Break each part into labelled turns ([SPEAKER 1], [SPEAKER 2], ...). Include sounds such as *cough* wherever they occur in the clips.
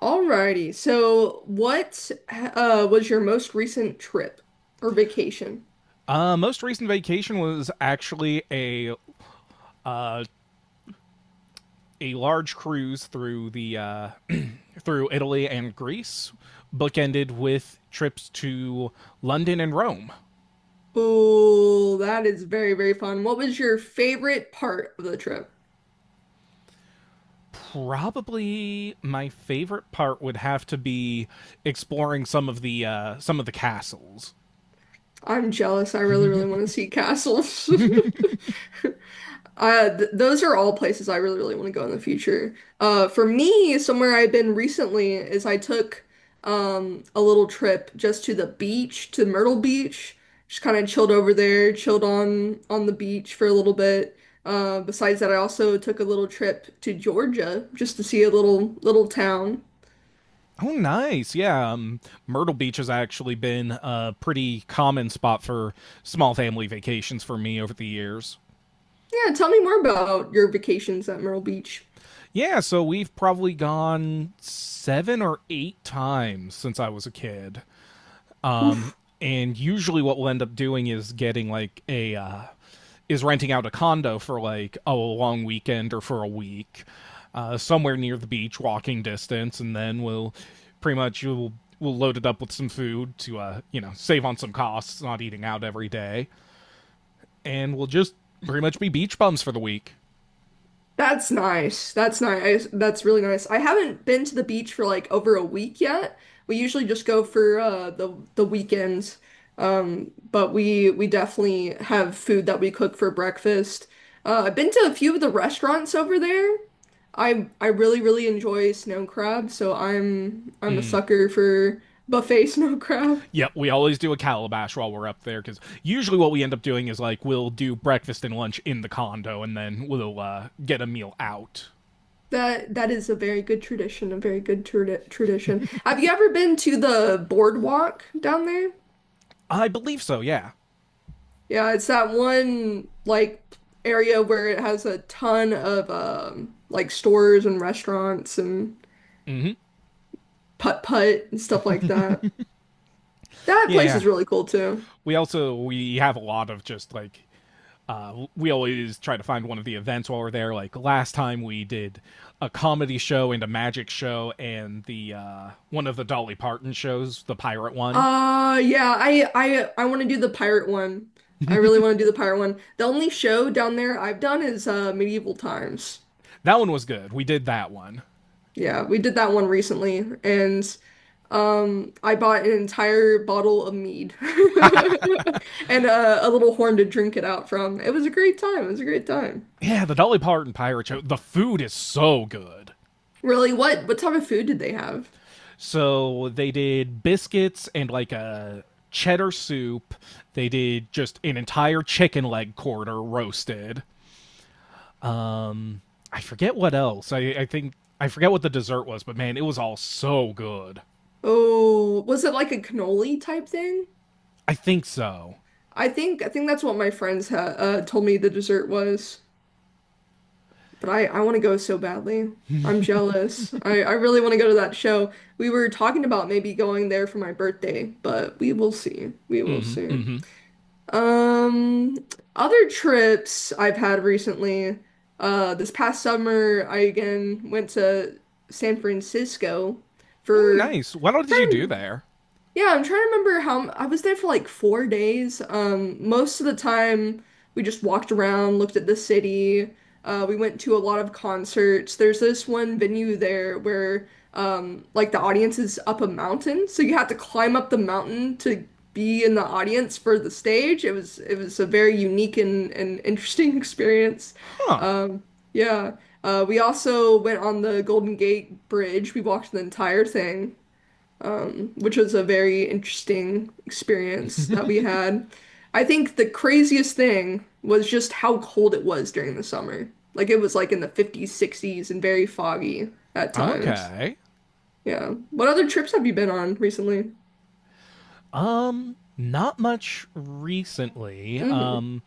[SPEAKER 1] Alrighty. So, what was your most recent trip or vacation?
[SPEAKER 2] Most recent vacation was actually a large cruise through the *clears throat* through Italy and Greece, bookended with trips to London and Rome.
[SPEAKER 1] Oh, that is very, very fun. What was your favorite part of the trip?
[SPEAKER 2] Probably my favorite part would have to be exploring some of the castles.
[SPEAKER 1] I'm jealous. I really, really want to see castles. *laughs* Th those are all places I really, really want to go in the future. For me, somewhere I've been recently is I took a little trip just to the beach, to Myrtle Beach. Just kind of chilled over there, chilled on the beach for a little bit. Besides that, I also took a little trip to Georgia just to see a little town.
[SPEAKER 2] Oh, nice! Yeah, Myrtle Beach has actually been a pretty common spot for small family vacations for me over the years.
[SPEAKER 1] Yeah, tell me more about your vacations at Myrtle Beach.
[SPEAKER 2] Yeah, so we've probably gone seven or eight times since I was a kid. Um,
[SPEAKER 1] Oof.
[SPEAKER 2] and usually what we'll end up doing is getting like a is renting out a condo for like a long weekend or for a week, somewhere near the beach, walking distance, and then we'll pretty much we'll load it up with some food to save on some costs, not eating out every day, and we'll just pretty much be beach bums for the week.
[SPEAKER 1] That's nice. That's nice. That's really nice. I haven't been to the beach for like over a week yet. We usually just go for the weekends. But we definitely have food that we cook for breakfast. I've been to a few of the restaurants over there. I really enjoy snow crab, so I'm a sucker for buffet *laughs* snow crab.
[SPEAKER 2] Yeah, we always do a calabash while we're up there because usually what we end up doing is like we'll do breakfast and lunch in the condo and then we'll get a meal out.
[SPEAKER 1] That is a very good tradition, a very good tradition. Have you ever been to the boardwalk down there?
[SPEAKER 2] I believe so. Yeah,
[SPEAKER 1] Yeah, it's that one like area where it has a ton of like stores and restaurants and putt-putt and stuff like that. That place
[SPEAKER 2] yeah.
[SPEAKER 1] is really cool too.
[SPEAKER 2] We also we have a lot of just like we always try to find one of the events while we're there. Like last time we did a comedy show and a magic show and the one of the Dolly Parton shows, the pirate one.
[SPEAKER 1] Yeah, I want to do the pirate one. I really want to do the pirate one. The only show down there I've done is Medieval Times.
[SPEAKER 2] That one was good. We did that one.
[SPEAKER 1] Yeah, we did that one recently. And I bought an entire bottle of mead *laughs* and a little horn to drink it out from. It was a great time. It was a great time.
[SPEAKER 2] Yeah, the Dolly Parton pirate show. The food is so good.
[SPEAKER 1] Really, what type of food did they have?
[SPEAKER 2] So they did biscuits and like a cheddar soup. They did just an entire chicken leg quarter roasted. Um, I forget what else. I think I forget what the dessert was, but man, it was all so good.
[SPEAKER 1] Oh, was it like a cannoli type thing?
[SPEAKER 2] I think so.
[SPEAKER 1] I think that's what my friends ha told me the dessert was. But I want to go so badly. I'm jealous. I really want to go to that show. We were talking about maybe going there for my birthday, but we will see. We will
[SPEAKER 2] Mm-hmm.
[SPEAKER 1] see.
[SPEAKER 2] Mm-hmm.
[SPEAKER 1] Um, Other trips I've had recently. This past summer, I again went to San Francisco
[SPEAKER 2] Ooh,
[SPEAKER 1] for
[SPEAKER 2] nice. What all did you do
[SPEAKER 1] trying.
[SPEAKER 2] there?
[SPEAKER 1] Yeah, I'm trying to remember how I was there for like 4 days. Most of the time we just walked around, looked at the city. We went to a lot of concerts. There's this one venue there where like the audience is up a mountain, so you have to climb up the mountain to be in the audience for the stage. It was a very unique and interesting *laughs* experience.
[SPEAKER 2] Huh.
[SPEAKER 1] Um, yeah. We also went on the Golden Gate Bridge. We walked the entire thing, which was a very interesting experience that we had. I think the craziest thing was just how cold it was during the summer. Like it was like in the 50s, 60s, and very foggy at times.
[SPEAKER 2] Okay.
[SPEAKER 1] Yeah. What other trips have you been on recently?
[SPEAKER 2] Not much recently.
[SPEAKER 1] Hmm.
[SPEAKER 2] Um,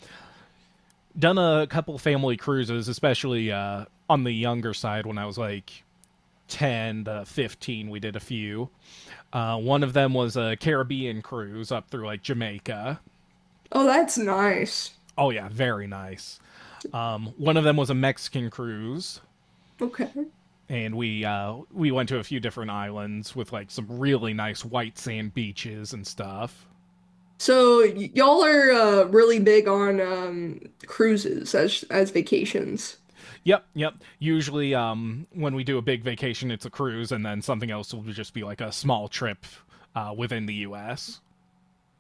[SPEAKER 2] done a couple family cruises, especially on the younger side when I was like 10 to 15, we did a few one of them was a Caribbean cruise up through like Jamaica.
[SPEAKER 1] Oh, that's nice.
[SPEAKER 2] Oh yeah, very nice. One of them was a Mexican cruise,
[SPEAKER 1] Okay.
[SPEAKER 2] and we we went to a few different islands with like some really nice white sand beaches and stuff.
[SPEAKER 1] So y'all are really big on cruises as vacations.
[SPEAKER 2] Yep, yep. Usually, when we do a big vacation, it's a cruise, and then something else will just be like a small trip within the U.S.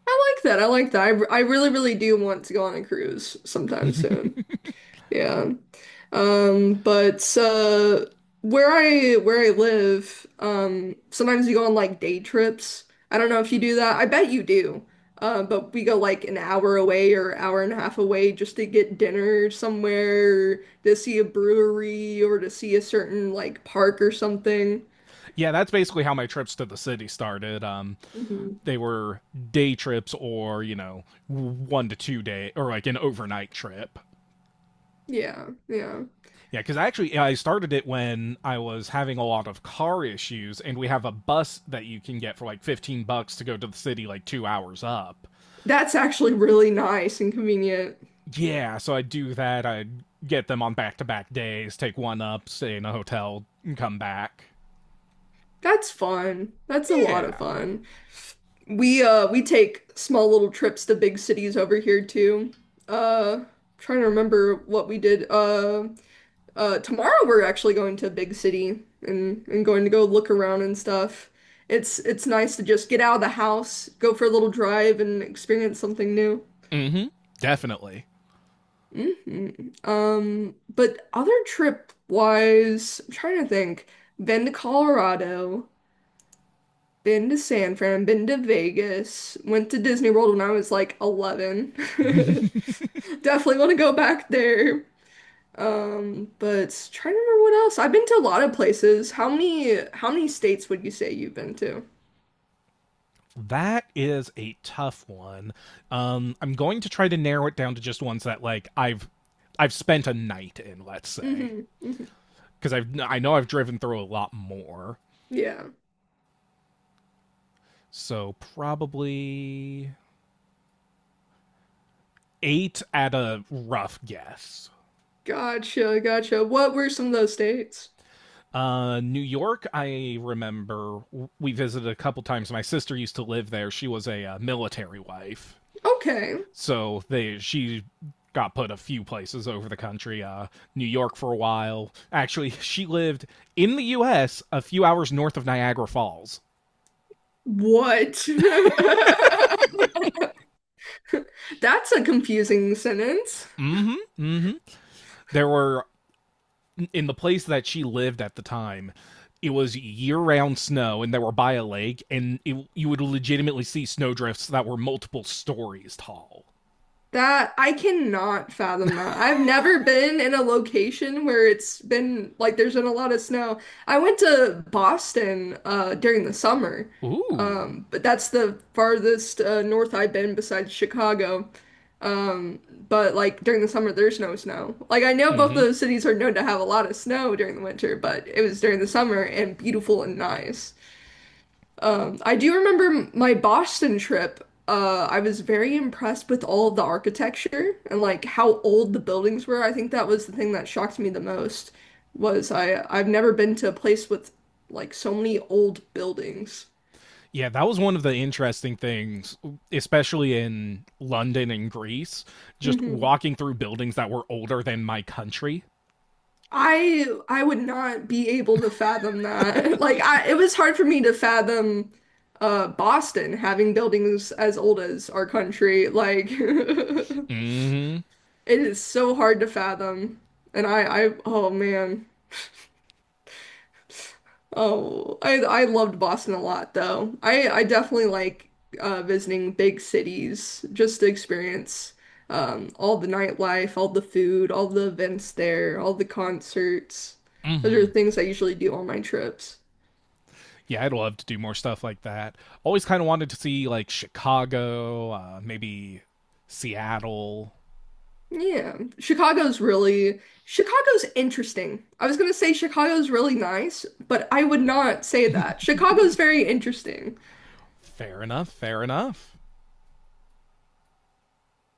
[SPEAKER 1] I like that. I like that. I really, really do want to go on a cruise sometime soon. Yeah. But where I live, sometimes we go on like day trips. I don't know if you do that. I bet you do. But we go like an hour away or hour and a half away just to get dinner somewhere, to see a brewery or to see a certain like park or something.
[SPEAKER 2] Yeah, that's basically how my trips to the city started. Um,
[SPEAKER 1] Hmm.
[SPEAKER 2] they were day trips or 1 to 2 day or like an overnight trip.
[SPEAKER 1] Yeah, yeah.
[SPEAKER 2] Yeah, because actually I started it when I was having a lot of car issues, and we have a bus that you can get for like 15 bucks to go to the city, like 2 hours up.
[SPEAKER 1] That's actually really nice and convenient.
[SPEAKER 2] Yeah, so I do that. I get them on back-to-back days, take one up, stay in a hotel, and come back.
[SPEAKER 1] That's fun. That's a lot of
[SPEAKER 2] Yeah.
[SPEAKER 1] fun. We take small little trips to big cities over here too. Uh trying to remember what we did. Tomorrow we're actually going to a big city and going to go look around and stuff. It's nice to just get out of the house, go for a little drive and experience something new.
[SPEAKER 2] Mm-hmm. Definitely.
[SPEAKER 1] Hmm. But other trip wise, I'm trying to think. Been to Colorado. Been to San Fran, been to Vegas, went to Disney World when I was like 11.
[SPEAKER 2] *laughs*
[SPEAKER 1] *laughs* Definitely want to go back there. But trying to remember what else. I've been to a lot of places. How many states would you say you've been to?
[SPEAKER 2] That is a tough one. I'm going to try to narrow it down to just ones that like I've spent a night in, let's say,
[SPEAKER 1] Hmm. Hmm.
[SPEAKER 2] because I know I've driven through a lot more.
[SPEAKER 1] Yeah.
[SPEAKER 2] So probably eight at a rough guess.
[SPEAKER 1] Gotcha, gotcha. What were some of those states?
[SPEAKER 2] New York, I remember we visited a couple times. My sister used to live there. She was a military wife.
[SPEAKER 1] Okay.
[SPEAKER 2] So they she got put a few places over the country. New York for a while. Actually, she lived in the U.S. a few hours north of Niagara Falls.
[SPEAKER 1] What? *laughs* That's a confusing sentence.
[SPEAKER 2] Mm-hmm. Mm-hmm. There were in the place that she lived at the time. It was year-round snow, and they were by a lake, and you would legitimately see snowdrifts that were multiple stories tall.
[SPEAKER 1] That I cannot fathom that. I've never been in a location where it's been like there's been a lot of snow. I went to Boston during the summer.
[SPEAKER 2] Ooh.
[SPEAKER 1] But that's the farthest north I've been besides Chicago. Um but like during the summer there's no snow. Like I know both
[SPEAKER 2] Mm-hmm.
[SPEAKER 1] those cities are known to have a lot of snow during the winter, but it was during the summer and beautiful and nice. I do remember my Boston trip. I was very impressed with all of the architecture and like how old the buildings were. I think that was the thing that shocked me the most was I've never been to a place with like so many old buildings.
[SPEAKER 2] Yeah, that was one of the interesting things, especially in London and Greece, just
[SPEAKER 1] Hmm.
[SPEAKER 2] walking through buildings that were older than my country.
[SPEAKER 1] I would not be able to fathom that. *laughs* It was hard for me to fathom Boston having buildings as old as our country. Like *laughs*
[SPEAKER 2] Mm
[SPEAKER 1] it is so hard to fathom. Oh man. I loved Boston a lot though. I definitely like visiting big cities just to experience, all the nightlife, all the food, all the events there, all the concerts.
[SPEAKER 2] hmm. Mm
[SPEAKER 1] Those are
[SPEAKER 2] hmm.
[SPEAKER 1] things I usually do on my trips.
[SPEAKER 2] Yeah, I'd love to do more stuff like that. Always kind of wanted to see, like, Chicago, maybe Seattle.
[SPEAKER 1] Yeah, Chicago's interesting. I was gonna say Chicago's really nice, but I would not say
[SPEAKER 2] *laughs*
[SPEAKER 1] that. Chicago's very interesting.
[SPEAKER 2] Fair enough. Fair enough.